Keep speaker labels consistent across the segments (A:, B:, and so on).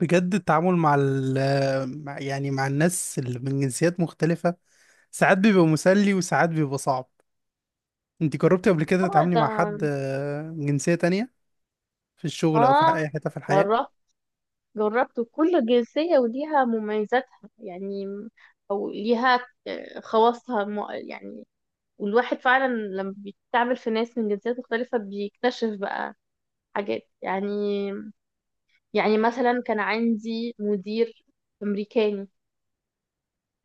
A: بجد التعامل مع ال مع- يعني مع الناس اللي من جنسيات مختلفة. ساعات بيبقى مسلي وساعات بيبقى صعب. انت جربتي قبل كده
B: طبعا
A: تتعاملي
B: ده.
A: مع حد من جنسية تانية في الشغل او في
B: اه،
A: اي حتة في الحياة؟
B: جربت جربت كل جنسية وليها مميزاتها، يعني. او ليها خواصها يعني. والواحد فعلا لما بيتعامل في ناس من جنسيات مختلفة بيكتشف بقى حاجات، يعني. يعني مثلا كان عندي مدير أمريكاني.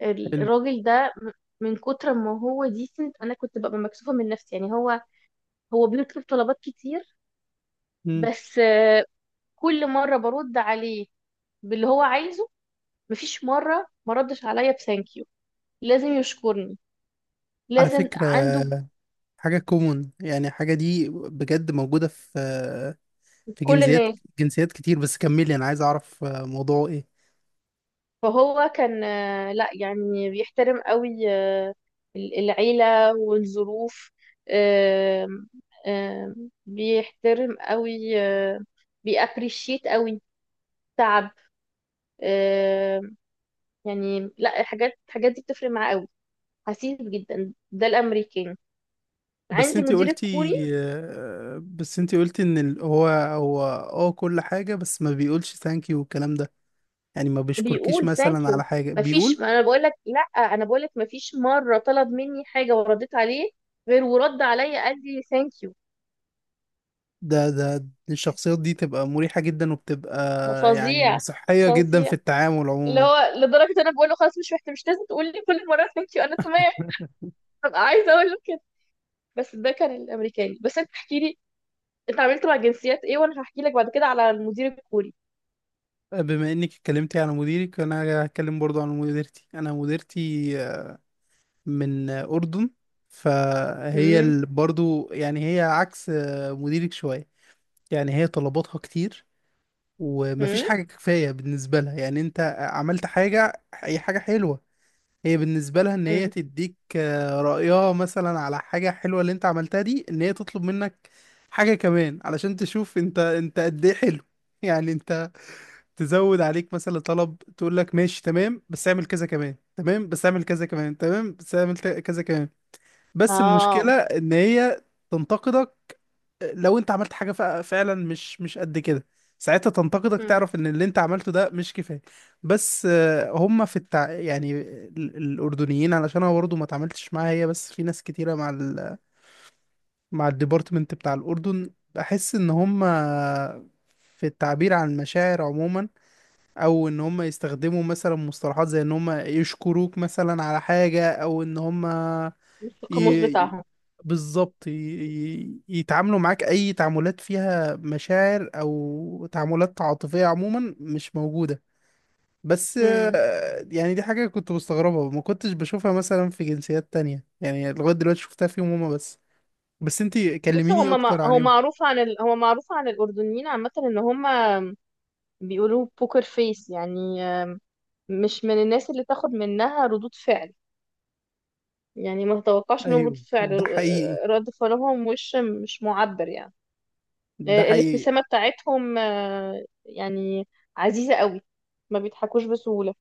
A: حلو.
B: الراجل ده من كتر ما هو ديسنت انا كنت ببقى مكسوفة من نفسي، يعني. هو بيطلب طلبات كتير.
A: مم.
B: بس كل مرة برد عليه باللي هو عايزه. مفيش مرة ما ردش عليا بثانك يو. لازم يشكرني،
A: على
B: لازم
A: فكرة
B: عنده
A: حاجة كومون، يعني حاجة دي بجد موجودة في في
B: كل
A: جنسيات،
B: الناس.
A: جنسيات كتير، بس كملي انا عايز اعرف موضوعه ايه.
B: فهو كان لا يعني بيحترم قوي العيلة والظروف. آم، بيحترم قوي بيابريشيت قوي تعب. آم، يعني لا، الحاجات دي بتفرق معاه قوي. حسيس جدا ده الامريكان.
A: بس
B: عندي
A: انت
B: مدير
A: قلتي
B: الكوري
A: بس انت قلتي ان هو اه كل حاجة بس ما بيقولش ثانك يو والكلام ده، يعني ما بيشكركيش
B: بيقول ثانك
A: مثلا على
B: يو.
A: حاجة
B: مفيش،
A: بيقول؟
B: ما انا بقول لك، لا انا بقول لك مفيش مره طلب مني حاجه ورديت عليه غير ورد عليا قال لي ثانك يو.
A: ده، ده الشخصيات دي تبقى مريحة جدا وبتبقى
B: ده
A: يعني
B: فظيع.
A: صحية جدا في
B: فظيع.
A: التعامل
B: اللي
A: عموما.
B: هو لدرجه انا بقول له خلاص مش محتاج، مش لازم تقول لي كل مره ثانك يو، انا تمام. ببقى عايزه اقول له كده. بس ده كان الامريكاني. بس انت احكي لي، انت عملت مع جنسيات ايه وانا هحكي لك بعد كده على المدير الكوري.
A: بما انك اتكلمتي على مديرك انا هتكلم برضو عن مديرتي. انا مديرتي من اردن، فهي
B: امم.
A: برضو يعني هي عكس مديرك شوية. يعني هي طلباتها كتير ومفيش
B: امم.
A: حاجة كفاية بالنسبة لها. يعني انت عملت حاجة، هي حاجة حلوة، هي بالنسبة لها ان هي
B: امم.
A: تديك رأيها مثلا على حاجة حلوة اللي انت عملتها دي، ان هي تطلب منك حاجة كمان علشان تشوف انت قد ايه حلو. يعني انت تزود عليك مثلا طلب، تقول لك ماشي تمام بس اعمل كذا كمان، تمام بس اعمل كذا كمان، تمام بس كذا كمان. بس المشكلة
B: اه.
A: ان هي تنتقدك لو انت عملت حاجة فعلا مش قد كده، ساعتها تنتقدك،
B: امم.
A: تعرف ان اللي انت عملته ده مش كفاية. بس هم في التع... يعني الاردنيين، علشان انا برضه ما اتعاملتش معاها هي، بس في ناس كتيرة مع مع الديبارتمنت بتاع الاردن، بحس ان هم في التعبير عن المشاعر عموما او ان هم يستخدموا مثلا مصطلحات زي ان هم يشكروك مثلا على حاجة او ان هم
B: القاموس
A: ي-
B: بتاعهم.
A: بالظبط يتعاملوا معاك، اي تعاملات فيها مشاعر او تعاملات عاطفية عموما مش موجودة. بس يعني دي حاجة كنت مستغربها، ما كنتش بشوفها مثلا في جنسيات تانية، يعني لغاية دلوقتي شفتها فيهم هما بس. بس انتي
B: بص
A: كلميني
B: هما، ما
A: اكتر
B: هو
A: عنهم.
B: معروف عن هو معروف عن الأردنيين عامة إن هما بيقولوا بوكر فيس، يعني مش من الناس اللي تاخد منها ردود فعل. يعني ما تتوقعش منهم ردود
A: ايوه
B: فعل،
A: ده حقيقي،
B: رد فعلهم وش مش معبر، يعني.
A: ده حقيقي.
B: الابتسامة بتاعتهم يعني عزيزة قوي. ما بيضحكوش بسهولة.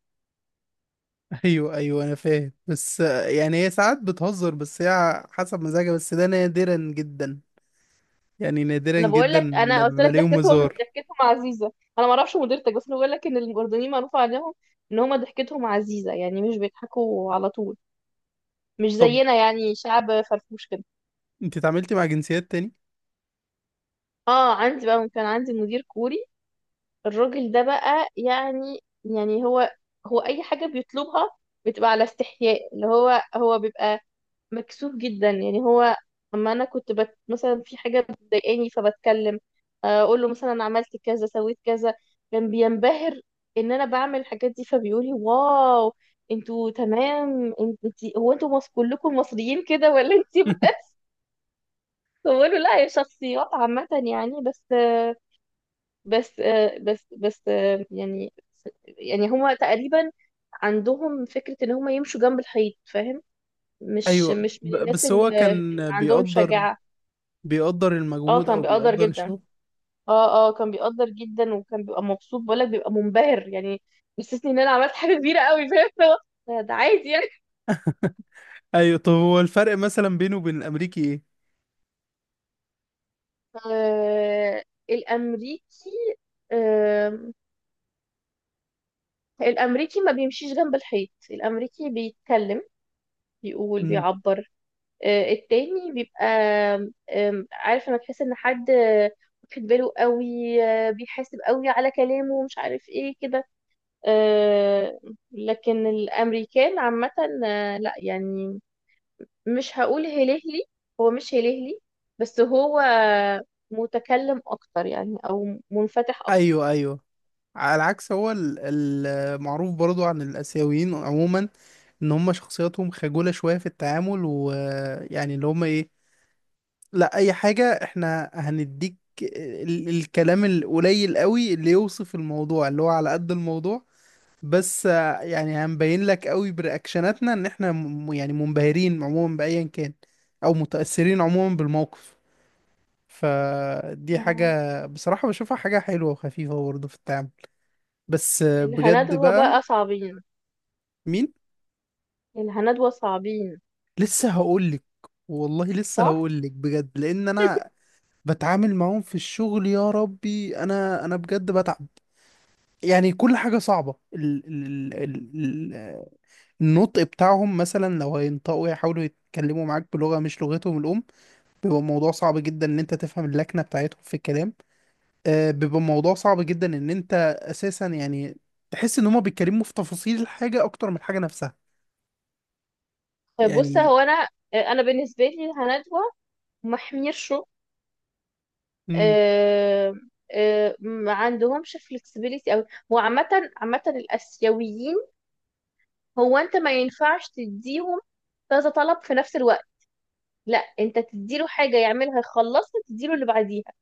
A: ايوه ايوه انا فاهم، بس يعني هي ساعات بتهزر، بس هي حسب مزاجها، بس ده نادرا جدا. يعني نادرا
B: انا بقول
A: جدا
B: لك،
A: لما
B: انا قلت لك
A: بلاقيهم
B: ضحكتهم
A: هزار.
B: ضحكتهم عزيزة. انا ما اعرفش مديرتك، بس انا بقول لك ان الأردنيين معروف عنهم ان هما ضحكتهم عزيزة، يعني مش بيضحكوا على طول. مش
A: طب
B: زينا، يعني شعب فرفوش كده.
A: انت اتعاملتي مع جنسيات تاني؟
B: اه، عندي بقى، كان عندي مدير كوري. الراجل ده بقى، يعني هو اي حاجه بيطلبها بتبقى على استحياء، اللي هو بيبقى مكسوف جدا، يعني هو. اما انا كنت مثلا في حاجه بتضايقاني فبتكلم اقول له مثلا عملت كذا، سويت كذا. كان بينبهر ان انا بعمل الحاجات دي فبيقول لي واو. انتوا تمام؟ هو كلكم مصريين كده ولا انت بس؟ بقول له لا، هي شخصيات عامة، يعني. بس بس بس بس، يعني يعني هما تقريبا عندهم فكرة ان هما يمشوا جنب الحيط، فاهم؟ مش
A: ايوه،
B: مش من الناس
A: بس هو
B: اللي
A: كان
B: عندهم
A: بيقدر،
B: شجاعة.
A: بيقدر
B: اه
A: المجهود
B: كان
A: او
B: بيقدر
A: بيقدر
B: جدا.
A: الشغل.
B: اه كان بيقدر جدا، وكان بيبقى مبسوط، بقولك بيبقى منبهر، يعني. بيحسسني ان انا عملت حاجة كبيرة قوي، فاهم اللي هو ده عادي، يعني.
A: ايوه طب هو الفرق مثلا بينه وبين الامريكي ايه؟
B: آه، الامريكي. آه، الامريكي ما بيمشيش جنب الحيط. الامريكي بيتكلم، بيقول،
A: امم.
B: بيعبر. التاني بيبقى، عارف لما تحس ان حد واخد باله قوي، بيحاسب قوي على كلامه، مش عارف ايه كده. آه، لكن الامريكان عامة، لا يعني مش هقول هلهلي، هو مش هلهلي، بس هو متكلم اكتر، يعني، او منفتح اكتر.
A: ايوه ايوه. على العكس هو المعروف برضو عن الاسيويين عموما ان هم شخصياتهم خجولة شوية في التعامل، ويعني اللي هم ايه، لا اي حاجة احنا هنديك الكلام القليل قوي اللي يوصف الموضوع، اللي هو على قد الموضوع. بس يعني هنبين لك قوي برياكشناتنا ان احنا م يعني منبهرين عموما بايا كان، او متأثرين عموما بالموقف. فدي
B: اه،
A: حاجة بصراحة بشوفها حاجة حلوة وخفيفة برضه في التعامل. بس بجد
B: الهندوة
A: بقى.
B: بقى صعبين.
A: مين؟
B: الهندوة صعبين.
A: لسه هقولك، والله لسه
B: صح.
A: هقولك بجد، لان انا بتعامل معاهم في الشغل. يا ربي انا، بجد بتعب، يعني كل حاجة صعبة. النطق بتاعهم مثلا لو هينطقوا يحاولوا يتكلموا معاك بلغة مش لغتهم الأم، بيبقى الموضوع صعب جدا إن أنت تفهم اللكنة بتاعتهم في الكلام. آه بيبقى الموضوع صعب جدا إن أنت أساسا يعني تحس إن هما بيتكلموا في تفاصيل الحاجة أكتر من الحاجة نفسها
B: طيب بص،
A: يعني.
B: هو انا، انا بالنسبه لي الهندوه ما حميرشوا.
A: مم.
B: آه، ما عندهمش فلكسبيليتي، او هو عامة، عامة الاسيويين، هو انت ما ينفعش تديهم كذا طلب في نفس الوقت. لا، انت تديله حاجة يعملها يخلصها تديله اللي بعديها.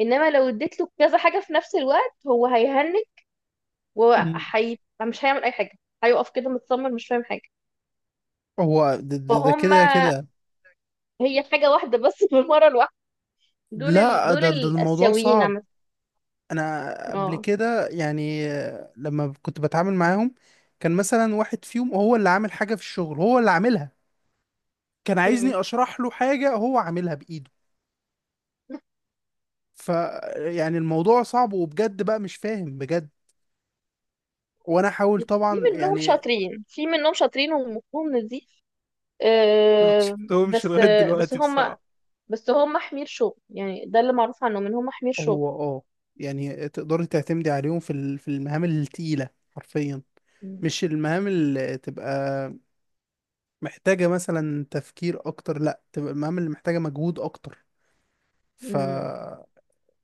B: انما لو اديت له كذا حاجة في نفس الوقت هو هيهنج
A: مم.
B: وحي مش هيعمل اي حاجة. هيقف كده متصمم، مش فاهم حاجة.
A: هو ده، ده
B: فهم.
A: كده كده.
B: هي حاجة واحدة بس في المرة الواحدة.
A: لا
B: دول
A: ده، ده الموضوع
B: الاسيويين
A: صعب.
B: عامة.
A: أنا قبل
B: اه.
A: كده يعني لما كنت بتعامل معاهم، كان مثلا واحد فيهم هو اللي عامل حاجة في الشغل، هو اللي عاملها، كان
B: مم.
A: عايزني اشرح له حاجة هو عاملها بايده. ف يعني الموضوع صعب، وبجد بقى مش فاهم بجد، وانا احاول طبعا يعني.
B: في منهم شاطرين ومفهوم ان دي
A: ما شفتهمش
B: بس
A: لغاية دلوقتي بصراحة.
B: بس هم حمير شغل، يعني، ده اللي معروف عنهم ان هم حمير شغل.
A: هو اه، يعني تقدري تعتمدي عليهم في في المهام التقيلة حرفيا،
B: مم.
A: مش المهام اللي تبقى محتاجة مثلا تفكير أكتر، لأ تبقى المهام اللي محتاجة مجهود أكتر. ف
B: مم.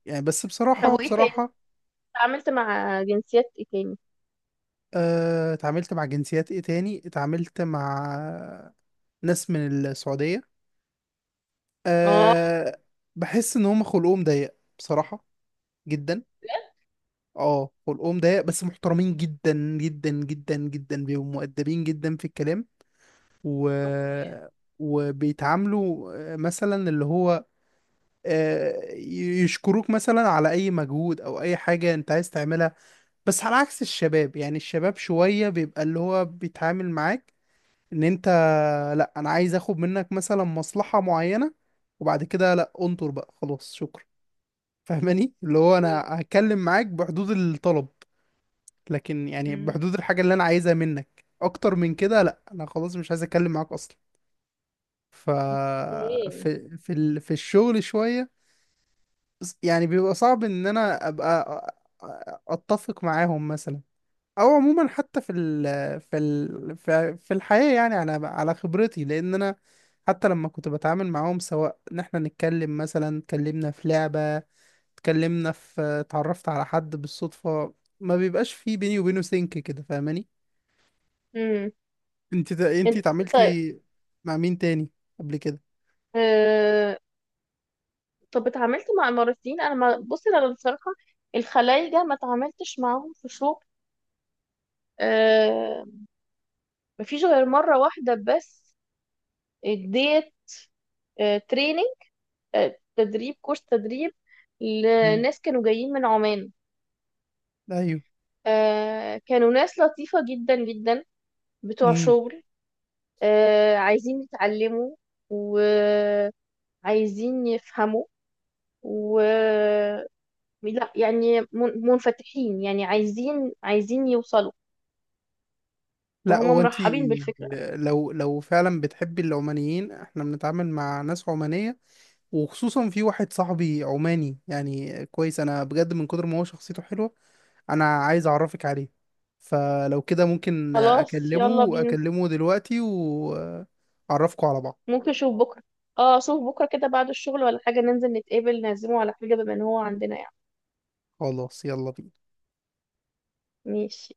A: يعني بس
B: طب
A: بصراحة،
B: وايه تاني؟
A: بصراحة
B: اتعاملت مع جنسيات ايه تاني؟
A: اتعاملت مع جنسيات ايه تاني، اتعاملت مع ناس من السعودية.
B: اه.
A: أه. بحس ان هم خلقهم ضيق بصراحة جدا.
B: بجد؟
A: اه خلقهم ضيق، بس محترمين جدا، جدا جدا جدا، بيبقوا مؤدبين جدا في الكلام و...
B: اوكي.
A: وبيتعاملوا مثلا اللي هو يشكروك مثلا على اي مجهود او اي حاجة انت عايز تعملها. بس على عكس الشباب، يعني الشباب شوية بيبقى اللي هو بيتعامل معاك ان انت، لا انا عايز اخد منك مثلا مصلحة معينة، وبعد كده لا انطر بقى خلاص شكرا. فاهماني، اللي هو انا
B: اوكي.
A: هتكلم معاك بحدود الطلب، لكن يعني
B: مم.
A: بحدود الحاجة اللي انا عايزها منك، اكتر من كده لا انا خلاص مش عايز اتكلم معاك اصلا. ف
B: اوكي.
A: في في في الشغل شوية يعني بيبقى صعب ان انا ابقى اتفق معاهم مثلا، او عموما حتى في ال في ال في في الحياة يعني، على على خبرتي، لان انا حتى لما كنت بتعامل معاهم سواء ان احنا نتكلم مثلا، اتكلمنا في لعبة، اتكلمنا في، اتعرفت على حد بالصدفة، ما بيبقاش في بيني وبينه سينك كده فاهماني.
B: مم.
A: انت
B: انت؟ طيب.
A: اتعاملتي مع مين تاني قبل كده؟
B: آه... طب اتعاملت مع اماراتيين. انا ما بص انا بصراحه الخلايجه ما اتعاملتش معاهم في شغل. آه... ما فيش غير مره واحده. بس اديت تريننج، تدريب، كورس تدريب
A: مم.
B: لناس كانوا جايين من عمان. كانوا ناس لطيفة جدا جدا، بتوع
A: ايوه.
B: شغل، عايزين يتعلموا وعايزين يفهموا، و لا يعني منفتحين، يعني عايزين يوصلوا،
A: لا
B: وهما
A: هو انت
B: مرحبين بالفكرة.
A: لو لو فعلا بتحبي العمانيين، احنا بنتعامل مع ناس عمانية، وخصوصا في واحد صاحبي عماني، يعني كويس انا بجد، من كتر ما هو شخصيته حلوة انا عايز اعرفك عليه. فلو كده ممكن
B: خلاص يلا بينا.
A: اكلمه دلوقتي واعرفكوا على بعض.
B: ممكن اشوف بكرة. اه، اشوف بكرة كده بعد الشغل ولا حاجة، ننزل نتقابل نعزمه على حاجة بما ان هو عندنا، يعني.
A: خلاص يلا بينا.
B: ماشي.